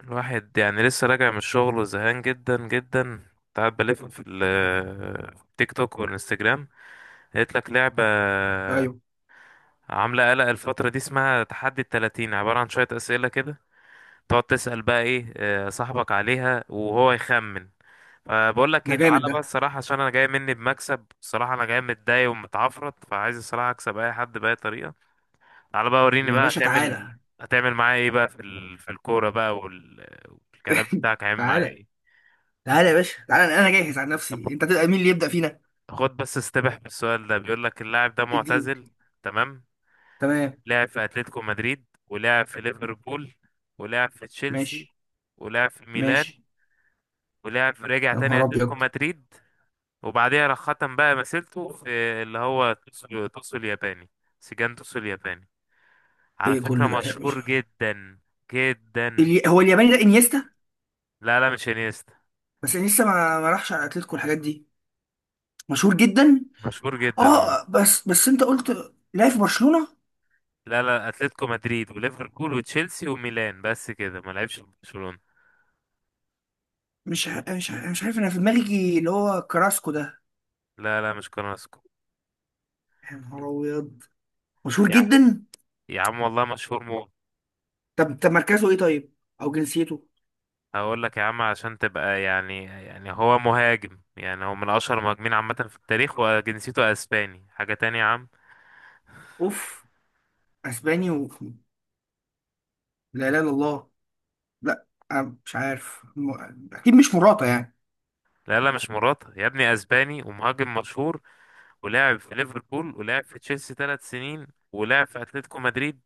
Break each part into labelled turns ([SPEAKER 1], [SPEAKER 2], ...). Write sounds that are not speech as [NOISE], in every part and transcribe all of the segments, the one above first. [SPEAKER 1] الواحد يعني لسه راجع من الشغل وزهقان جدا جدا. كنت قاعد بلف في في التيك توك والانستجرام. لقيت لك لعبة
[SPEAKER 2] ايوه.
[SPEAKER 1] عاملة قلق الفترة دي اسمها تحدي التلاتين، عبارة عن شوية أسئلة كده تقعد تسأل بقى ايه صاحبك عليها وهو يخمن. فبقول لك
[SPEAKER 2] ده
[SPEAKER 1] ايه، تعالى
[SPEAKER 2] جامد ده.
[SPEAKER 1] بقى الصراحة عشان انا جاي مني بمكسب الصراحة، انا جاي متضايق ومتعفرت فعايز الصراحة اكسب اي حد بأي طريقة. تعالى بقى وريني
[SPEAKER 2] يا
[SPEAKER 1] بقى
[SPEAKER 2] باشا
[SPEAKER 1] هتعمل،
[SPEAKER 2] تعالى.
[SPEAKER 1] هتعمل معايا ايه بقى في الكورة بقى والكلام بتاعك هيعمل معايا
[SPEAKER 2] تعالى،
[SPEAKER 1] ايه.
[SPEAKER 2] تعالى، يا باشا تعالى، انا جاهز على نفسي، انت تبقى مين اللي يبدأ فينا؟
[SPEAKER 1] خد بس استبح بالسؤال ده، بيقول لك اللاعب ده
[SPEAKER 2] الدين.
[SPEAKER 1] معتزل تمام.
[SPEAKER 2] تمام.
[SPEAKER 1] لعب في اتلتيكو مدريد، ولعب في ليفربول، ولعب في تشيلسي،
[SPEAKER 2] ماشي.
[SPEAKER 1] ولعب في ميلان،
[SPEAKER 2] ماشي.
[SPEAKER 1] ولعب في، رجع
[SPEAKER 2] يا
[SPEAKER 1] تاني
[SPEAKER 2] نهار
[SPEAKER 1] اتلتيكو
[SPEAKER 2] ابيض.
[SPEAKER 1] مدريد. وبعديها راح ختم بقى مسيرته في اللي هو توسو، توسو الياباني، سجان توسو الياباني. على
[SPEAKER 2] ايه
[SPEAKER 1] فكرة
[SPEAKER 2] كل ده ايه يا
[SPEAKER 1] مشهور
[SPEAKER 2] باشا؟
[SPEAKER 1] جدا جدا.
[SPEAKER 2] هو الياباني ده انيستا؟
[SPEAKER 1] لا لا مش انيستا.
[SPEAKER 2] بس انيستا ما راحش على اتلتيكو والحاجات دي. مشهور جدا.
[SPEAKER 1] مشهور جدا اه.
[SPEAKER 2] اه، بس انت قلت لا في برشلونة.
[SPEAKER 1] لا لا، اتلتيكو مدريد وليفربول وتشيلسي وميلان بس كده، ما لعبش في برشلونة.
[SPEAKER 2] مش عارف، انا في دماغي اللي هو كراسكو ده.
[SPEAKER 1] لا لا مش كراسكو.
[SPEAKER 2] يا نهار ابيض. مشهور جدا.
[SPEAKER 1] يا عم والله مشهور موت.
[SPEAKER 2] طب مركزه ايه طيب؟ او جنسيته؟
[SPEAKER 1] هقول لك يا عم عشان تبقى يعني هو مهاجم، يعني هو من اشهر المهاجمين عامه في التاريخ، وجنسيته اسباني. حاجه تانية يا عم.
[SPEAKER 2] اوف. اسباني. لا اله الا الله. لا. أنا مش عارف اكيد مش مراته يعني.
[SPEAKER 1] لا لا مش مراته يا ابني، اسباني ومهاجم مشهور. ولعب في ليفربول، ولعب في تشيلسي ثلاث سنين، ولعب في اتلتيكو مدريد،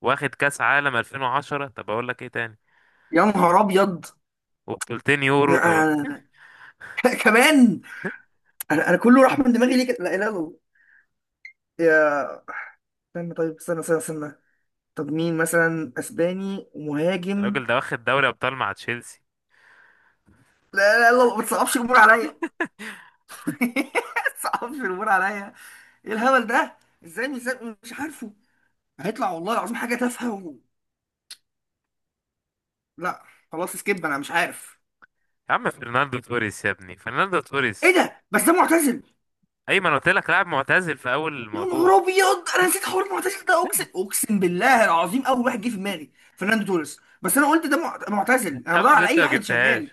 [SPEAKER 1] واخد كاس عالم 2010. طب اقول لك ايه تاني،
[SPEAKER 2] يا نهار ابيض.
[SPEAKER 1] وبطولتين يورو. طب
[SPEAKER 2] أنا... [LAUGHS] كمان. انا كله راح من دماغي ليه كده؟ لا اله الا الله. يا استنى، طيب استنى، استنى، استنى. طب مين مثلا اسباني ومهاجم؟
[SPEAKER 1] الراجل [LAUGHS] ده واخد دوري ابطال مع تشيلسي.
[SPEAKER 2] لا، لا، لا، ما تصعبش الامور عليا [LAUGHS] ما تصعبش الامور عليا. ايه الهبل ده؟ ازاي مش عارفه. هيطلع والله العظيم حاجه تافهه لا. خلاص، سكيب انا مش عارف.
[SPEAKER 1] يا عم فرناندو توريس يا ابني، فرناندو
[SPEAKER 2] ايه
[SPEAKER 1] توريس.
[SPEAKER 2] ده، بس ده معتزل.
[SPEAKER 1] ايمن قلت لك لاعب معتزل في اول
[SPEAKER 2] يا
[SPEAKER 1] الموضوع.
[SPEAKER 2] نهار ابيض، انا نسيت حوار المعتزل ده، اقسم، اقسم بالله العظيم اول واحد جه في دماغي فرناندو توريس، بس انا قلت ده معتزل، انا بدور
[SPEAKER 1] خمسة
[SPEAKER 2] على
[SPEAKER 1] ستة
[SPEAKER 2] اي
[SPEAKER 1] ما
[SPEAKER 2] واحد
[SPEAKER 1] جبتهاش.
[SPEAKER 2] شغال.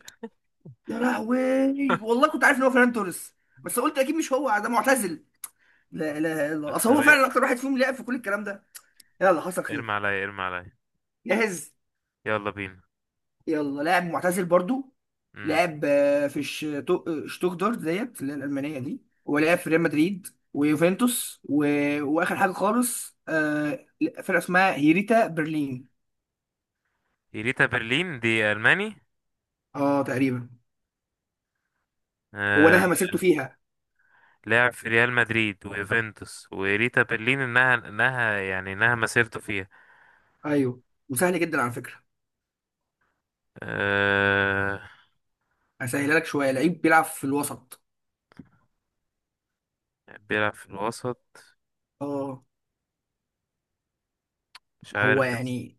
[SPEAKER 2] يا لهوي، والله كنت عارف ان هو فرناندو توريس، بس قلت اكيد مش هو ده معتزل. لا، لا، لا،
[SPEAKER 1] لا،
[SPEAKER 2] اصل
[SPEAKER 1] طب
[SPEAKER 2] هو فعلا
[SPEAKER 1] إيه؟
[SPEAKER 2] اكتر واحد فيهم لعب في كل الكلام ده. يلا، حصل
[SPEAKER 1] ارمي
[SPEAKER 2] خير.
[SPEAKER 1] عليا، ارمي عليا.
[SPEAKER 2] جاهز.
[SPEAKER 1] يلا بينا.
[SPEAKER 2] يلا. لاعب معتزل برضو.
[SPEAKER 1] امم.
[SPEAKER 2] لعب في شتوتغارت ديت اللي هي الألمانية دي، ولعب في ريال مدريد، ويوفنتوس وآخر حاجة خالص فرقة اسمها هيريتا برلين.
[SPEAKER 1] إيريتا برلين دي ألماني.
[SPEAKER 2] اه، تقريبا. هو
[SPEAKER 1] آه...
[SPEAKER 2] نهى مسيرته فيها.
[SPEAKER 1] لعب في ريال مدريد ويوفنتوس وإيريتا برلين، إنها يعني إنها مسيرته فيها.
[SPEAKER 2] ايوه. وسهل جدا على فكرة.
[SPEAKER 1] آه...
[SPEAKER 2] هسهلها لك شوية، لعيب بيلعب في الوسط.
[SPEAKER 1] بيلعب في الوسط.
[SPEAKER 2] اه،
[SPEAKER 1] مش
[SPEAKER 2] هو
[SPEAKER 1] عارف بس.
[SPEAKER 2] يعني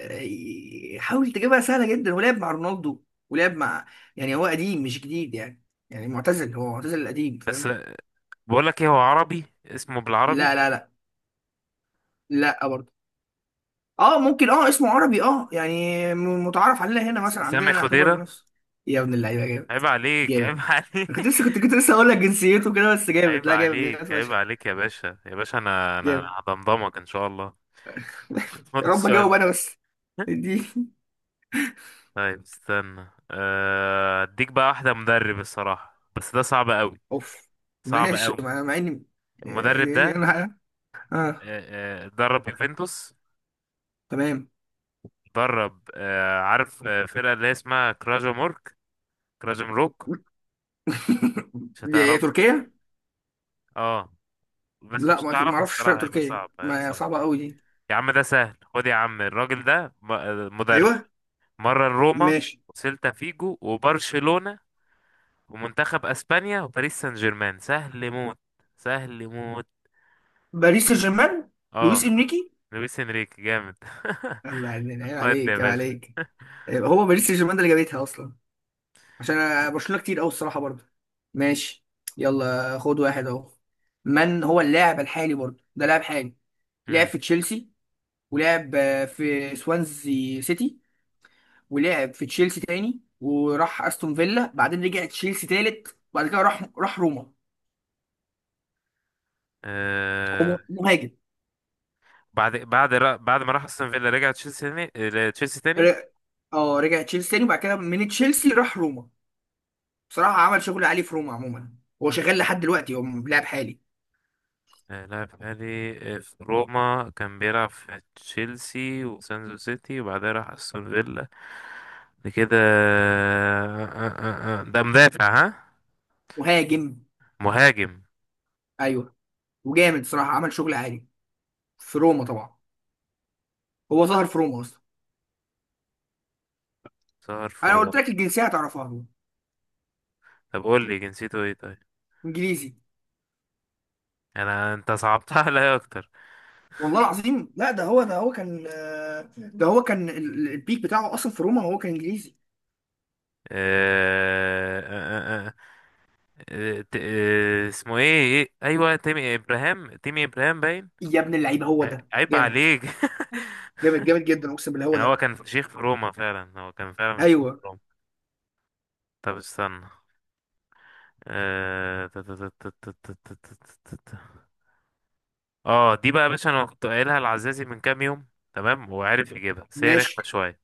[SPEAKER 2] حاول تجيبها سهلة جدا، ولعب مع رونالدو، ولعب مع، يعني هو قديم مش جديد يعني، يعني معتزل، هو معتزل قديم،
[SPEAKER 1] بس
[SPEAKER 2] فاهم؟
[SPEAKER 1] بقول لك إيه، هو عربي اسمه بالعربي.
[SPEAKER 2] لا، لا، لا. لا برضه. اه، ممكن، اه اسمه عربي، اه يعني متعارف عليه هنا، مثلا عندنا
[SPEAKER 1] سامي
[SPEAKER 2] نعتبر
[SPEAKER 1] خضيرة.
[SPEAKER 2] نفس. يا ابن اللعيبه، جامد.
[SPEAKER 1] عيب عليك، عيب
[SPEAKER 2] جامد.
[SPEAKER 1] [LAUGHS] عليك.
[SPEAKER 2] أنا كنت لسه، كنت لسه هقول لك جنسيته كده، بس جامد،
[SPEAKER 1] عيب
[SPEAKER 2] لا، جامد، جامد
[SPEAKER 1] عليك عيب
[SPEAKER 2] فشخ.
[SPEAKER 1] عليك يا باشا يا باشا، أنا
[SPEAKER 2] جامد.
[SPEAKER 1] هضمضمك إن شاء الله.
[SPEAKER 2] [LAUGHS]
[SPEAKER 1] [LAUGHS] خد
[SPEAKER 2] يا رب اجاوب
[SPEAKER 1] السؤال.
[SPEAKER 2] انا بس دي.
[SPEAKER 1] طيب استنى، اديك بقى واحدة مدرب، الصراحة بس ده صعب قوي،
[SPEAKER 2] اوف.
[SPEAKER 1] صعب
[SPEAKER 2] ماشي،
[SPEAKER 1] قوي.
[SPEAKER 2] مع اني
[SPEAKER 1] المدرب
[SPEAKER 2] إيه،
[SPEAKER 1] ده،
[SPEAKER 2] انا اه.
[SPEAKER 1] درب يوفنتوس،
[SPEAKER 2] تمام.
[SPEAKER 1] درب عارف فرقة اللي هي اسمها كراجو مورك، كراجو مروك.
[SPEAKER 2] [LAUGHS]
[SPEAKER 1] مش
[SPEAKER 2] دي
[SPEAKER 1] هتعرفها.
[SPEAKER 2] تركيا.
[SPEAKER 1] اه بس
[SPEAKER 2] لا،
[SPEAKER 1] مش
[SPEAKER 2] ما
[SPEAKER 1] هتعرفها
[SPEAKER 2] اعرفش فرق
[SPEAKER 1] الصراحة، هيبقى
[SPEAKER 2] تركيا،
[SPEAKER 1] صعب هيبقى
[SPEAKER 2] ما
[SPEAKER 1] صعب.
[SPEAKER 2] صعبه قوي دي.
[SPEAKER 1] يا عم ده سهل، خد يا عم الراجل ده مدرب
[SPEAKER 2] ايوه.
[SPEAKER 1] مرة روما،
[SPEAKER 2] ماشي.
[SPEAKER 1] وسيلتا فيجو، وبرشلونة، ومنتخب اسبانيا، وباريس سان جيرمان. سهل موت، سهل موت.
[SPEAKER 2] باريس سان جيرمان. لويس
[SPEAKER 1] اه
[SPEAKER 2] انريكي.
[SPEAKER 1] لويس انريكي جامد. [LAUGHS]
[SPEAKER 2] الله، عيب
[SPEAKER 1] ودي يا
[SPEAKER 2] عليك، عيب
[SPEAKER 1] باشا.
[SPEAKER 2] عليك. يبقى هو باريس سان جيرمان ده اللي جابتها اصلا، عشان أنا- برشلونه كتير قوي الصراحه برضه. ماشي، يلا خد واحد اهو. من هو اللاعب الحالي برضه؟ ده لاعب حالي. لعب
[SPEAKER 1] مم.
[SPEAKER 2] في تشيلسي، ولعب في سوانزي سيتي، ولعب في تشيلسي تاني، وراح استون فيلا، بعدين رجع تشيلسي تالت، وبعد كده راح روما.
[SPEAKER 1] آه.
[SPEAKER 2] هو مهاجم.
[SPEAKER 1] بعد ما راح استون فيلا رجع تشيلسي تاني، تشيلسي تاني.
[SPEAKER 2] ر- اه، رجع تشيلسي تاني، وبعد كده من تشيلسي راح روما. بصراحه عمل شغل عالي في روما عموما. هو شغال لحد دلوقتي، هو لاعب حالي.
[SPEAKER 1] لعب حالي في روما، كان بيلعب في تشيلسي وسانزو سيتي وبعدها راح استون فيلا. بعد كده ده مدافع ها؟
[SPEAKER 2] مهاجم.
[SPEAKER 1] مهاجم.
[SPEAKER 2] ايوه. وجامد صراحه، عمل شغل عالي في روما طبعا. هو ظهر في روما اصلا.
[SPEAKER 1] صار في
[SPEAKER 2] انا
[SPEAKER 1] روما.
[SPEAKER 2] قلت لك الجنسيه هتعرفها هو.
[SPEAKER 1] طب قول لي جنسيته ايه طيب.
[SPEAKER 2] انجليزي.
[SPEAKER 1] انا انت صعبتها عليا اكتر.
[SPEAKER 2] والله العظيم، لا، ده هو ده هو كان آه، ده هو كان البيك بتاعه اصلا في روما، هو كان انجليزي.
[SPEAKER 1] آه، آه، آه، آه، اسمه ايه إيه؟ ايوه تيمي ابراهام، تيمي ابراهام باين.
[SPEAKER 2] يا ابن اللعيبه، هو ده
[SPEAKER 1] عيب
[SPEAKER 2] جامد.
[SPEAKER 1] عليك. [LAUGHS]
[SPEAKER 2] جامد، جامد جدا، اقسم بالله هو
[SPEAKER 1] يعني هو
[SPEAKER 2] ده.
[SPEAKER 1] كان شيخ في روما فعلا، هو كان فعلا شيخ
[SPEAKER 2] ايوه.
[SPEAKER 1] في روما. طب استنى، آه، تا- تا- تا- تا- تا- تا- تا- تا- تا- تا. اه دي بقى يا باشا، انا كنت قايلها لعزازي من كام يوم، تمام وعارف يجيبها بس هي رخمه
[SPEAKER 2] ماشي.
[SPEAKER 1] شويه.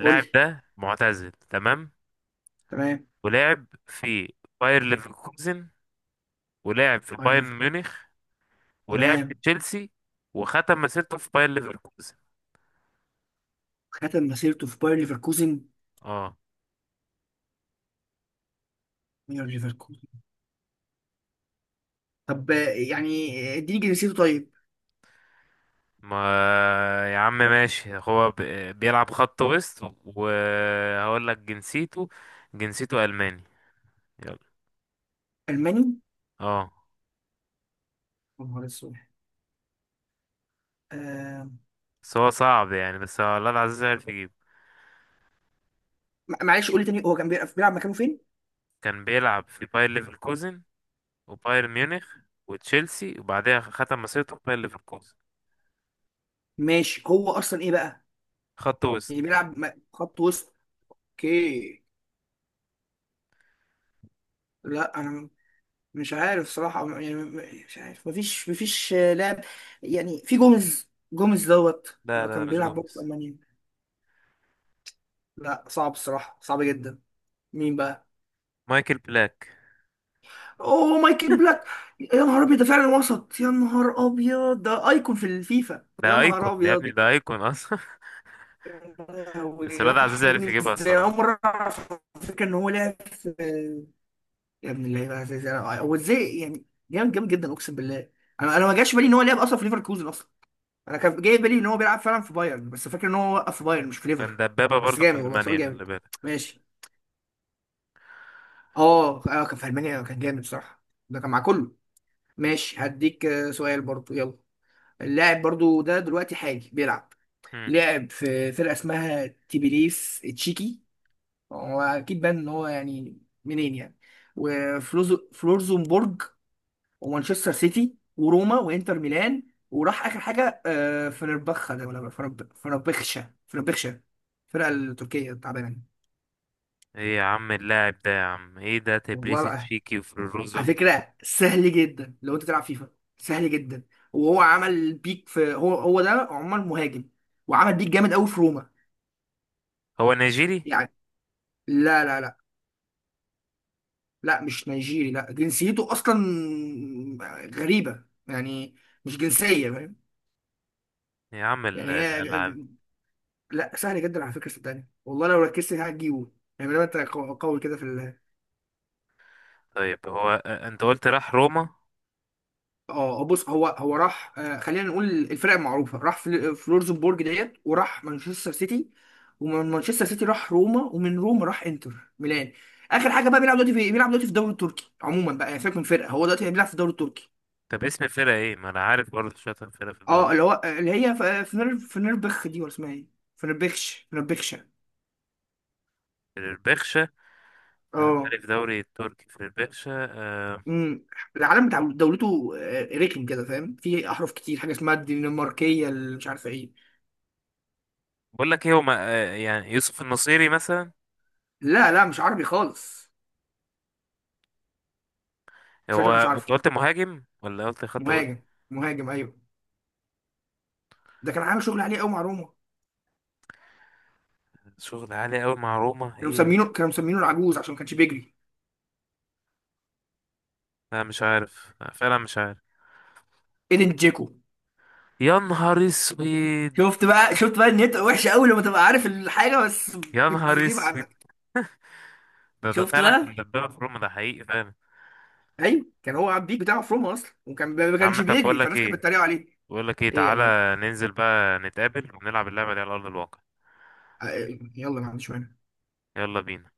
[SPEAKER 2] قول لي.
[SPEAKER 1] ده معتزل تمام.
[SPEAKER 2] تمام.
[SPEAKER 1] ولعب في باير ليفركوزن، ولعب في
[SPEAKER 2] باير
[SPEAKER 1] بايرن
[SPEAKER 2] ليفركوزن.
[SPEAKER 1] ميونخ، ولعب في
[SPEAKER 2] تمام.
[SPEAKER 1] تشيلسي، وختم مسيرته في باير ليفركوزن.
[SPEAKER 2] ختم مسيرته في باير ليفركوزن.
[SPEAKER 1] اه.
[SPEAKER 2] باير ليفركوزن. طب يعني اديني جنسيته طيب.
[SPEAKER 1] ما يا عم ماشي، هو بيلعب خط وسط، وهقول لك جنسيته. جنسيته ألماني. يلا.
[SPEAKER 2] الماني.
[SPEAKER 1] اه.
[SPEAKER 2] يا نهار اسود. آه،
[SPEAKER 1] بس هو صعب يعني، بس هو الله العزيز عارف يجيب.
[SPEAKER 2] معلش، قول لي تاني، هو كان بيلعب مكانه فين؟
[SPEAKER 1] كان بيلعب في باير ليفركوزن وباير ميونخ وتشيلسي، وبعدها ختم مسيرته في باير ليفركوزن.
[SPEAKER 2] ماشي. هو اصلا ايه بقى؟
[SPEAKER 1] خط وسط.
[SPEAKER 2] يعني بيلعب خط وسط. اوكي. لا، انا مش عارف صراحة يعني، مش عارف. مفيش لاعب يعني. في جوميز، جوميز دوت.
[SPEAKER 1] لا لا
[SPEAKER 2] كان
[SPEAKER 1] لا، مش
[SPEAKER 2] بيلعب برضه في
[SPEAKER 1] جوميز.
[SPEAKER 2] المانيا. لا، صعب الصراحة، صعب جدا. مين بقى؟
[SPEAKER 1] مايكل بلاك.
[SPEAKER 2] اوه، مايكل بلاك. يا نهار ابيض، ده فعلا وسط. يا نهار ابيض، ده ايكون في الفيفا. يا
[SPEAKER 1] ده ايكون
[SPEAKER 2] نهار
[SPEAKER 1] ده يا
[SPEAKER 2] ابيض.
[SPEAKER 1] ابني، ده ايكون اصلا. [LAUGHS]
[SPEAKER 2] يا
[SPEAKER 1] بس
[SPEAKER 2] لهوي،
[SPEAKER 1] الواد عزيز
[SPEAKER 2] راح مني
[SPEAKER 1] عارف يجيبها
[SPEAKER 2] ازاي؟ أنا اول
[SPEAKER 1] الصراحة.
[SPEAKER 2] مرة اعرف على فكرة ان هو لعب في. يا ابن اللعيبه، ازاي، ازاي انا، وازاي يعني. جامد، جامد جدا، اقسم بالله. انا ما جاش بالي ان هو لعب اصلا في ليفركوزن اصلا. انا كان جاي بالي ان هو بيلعب فعلا في بايرن، بس فاكر ان هو وقف في بايرن مش في
[SPEAKER 1] وكان
[SPEAKER 2] ليفر.
[SPEAKER 1] دبابة
[SPEAKER 2] بس
[SPEAKER 1] برضه في
[SPEAKER 2] جامد، والله سؤال
[SPEAKER 1] ألمانيا خلي
[SPEAKER 2] جامد.
[SPEAKER 1] بالك.
[SPEAKER 2] ماشي. اه، كان في المانيا كان جامد بصراحه. ده كان مع كله. ماشي. هديك سؤال برضو. يلا. اللاعب برضو ده دلوقتي حالي بيلعب. لعب في فرقه اسمها تبليس تشيكي. هو اكيد بان ان هو يعني منين يعني. وفلورزبورغ، ومانشستر سيتي، وروما، وانتر ميلان. وراح اخر حاجه فنربخة ده، ولا فنربخشة. فنربخشة. الفرقه التركيه التعبانه دي.
[SPEAKER 1] ايه يا عم اللاعب ده يا عم، ايه ده تبليس
[SPEAKER 2] والله لا.
[SPEAKER 1] تشيكي
[SPEAKER 2] على
[SPEAKER 1] وفيروزة؟
[SPEAKER 2] فكره سهل جدا لو انت تلعب فيفا. سهل جدا. وهو عمل بيك في، هو ده عمر مهاجم، وعمل بيك جامد قوي في روما.
[SPEAKER 1] هو نيجيري؟
[SPEAKER 2] يعني. لا، لا، لا. لا، مش نيجيري، لا جنسيته اصلا غريبه يعني، مش جنسيه فاهم؟
[SPEAKER 1] يا عم
[SPEAKER 2] يعني هي.
[SPEAKER 1] الالعاب.
[SPEAKER 2] لا، سهل جدا على فكره، صدقني والله لو ركزت هتجيبه. يعني لما انت قوي كده في ال.
[SPEAKER 1] طيب هو انت قلت راح روما.
[SPEAKER 2] اه، بص، هو راح خلينا نقول الفرق المعروفه، راح فلورزبورج ديت، وراح مانشستر سيتي، ومن مانشستر سيتي راح روما، ومن روما راح انتر ميلان. اخر حاجه بقى بيلعب دلوقتي في الدوري التركي عموما بقى، يعني سيبك من فرقه، هو دلوقتي بيلعب في الدوري التركي.
[SPEAKER 1] طب اسم فرقة ايه، ما انا عارف برضه شاطر فرقة في
[SPEAKER 2] اه،
[SPEAKER 1] الدوري.
[SPEAKER 2] اللي هو اللي هي فنربخ دي ولا اسمها ايه؟ فنربخشه.
[SPEAKER 1] فيربخشة. لاعب
[SPEAKER 2] اه.
[SPEAKER 1] حالي في دوري التركي فيربخشة أه.
[SPEAKER 2] امم العلم بتاع دولته رخم كده فاهم، في احرف كتير، حاجه اسمها الدنماركيه اللي مش عارفه ايه.
[SPEAKER 1] بقول لك ايه، هو ما- أه يعني يوسف النصيري مثلا.
[SPEAKER 2] لا، لا، مش عربي خالص.
[SPEAKER 1] هو
[SPEAKER 2] شكلك مش
[SPEAKER 1] انت
[SPEAKER 2] عارفه.
[SPEAKER 1] قلت مهاجم ولا قلت خط وسط؟
[SPEAKER 2] مهاجم. مهاجم. ايوه. ده كان عامل شغل عليه قوي مع روما.
[SPEAKER 1] شغل عالي قوي مع روما
[SPEAKER 2] كانوا
[SPEAKER 1] ايه.
[SPEAKER 2] مسمينه كانوا مسمينه العجوز عشان ما كانش بيجري.
[SPEAKER 1] لا مش عارف، لا، فعلا مش عارف.
[SPEAKER 2] ايدن جيكو.
[SPEAKER 1] يا نهار اسود.
[SPEAKER 2] شفت بقى، شفت بقى ان انت وحشه
[SPEAKER 1] [LAUGHS]
[SPEAKER 2] قوي لما تبقى عارف الحاجه بس
[SPEAKER 1] يا نهار
[SPEAKER 2] بتغيب
[SPEAKER 1] اسود.
[SPEAKER 2] عنك.
[SPEAKER 1] ده ده
[SPEAKER 2] شفت
[SPEAKER 1] فعلا كان
[SPEAKER 2] بقى.
[SPEAKER 1] دبابة في روما، ده حقيقي فعلا.
[SPEAKER 2] ايوه، كان هو عبد البيك بتاعه في روما اصلا، وكان ما
[SPEAKER 1] يا
[SPEAKER 2] كانش
[SPEAKER 1] عم طب بقول
[SPEAKER 2] بيجري
[SPEAKER 1] لك
[SPEAKER 2] فالناس كانت
[SPEAKER 1] ايه،
[SPEAKER 2] بتتريق عليه.
[SPEAKER 1] بقول لك ايه،
[SPEAKER 2] ايه يا
[SPEAKER 1] تعالى
[SPEAKER 2] معلم؟
[SPEAKER 1] ننزل بقى نتقابل ونلعب اللعبة دي على أرض الواقع.
[SPEAKER 2] يلا، ما عنديش مانع.
[SPEAKER 1] يلا بينا.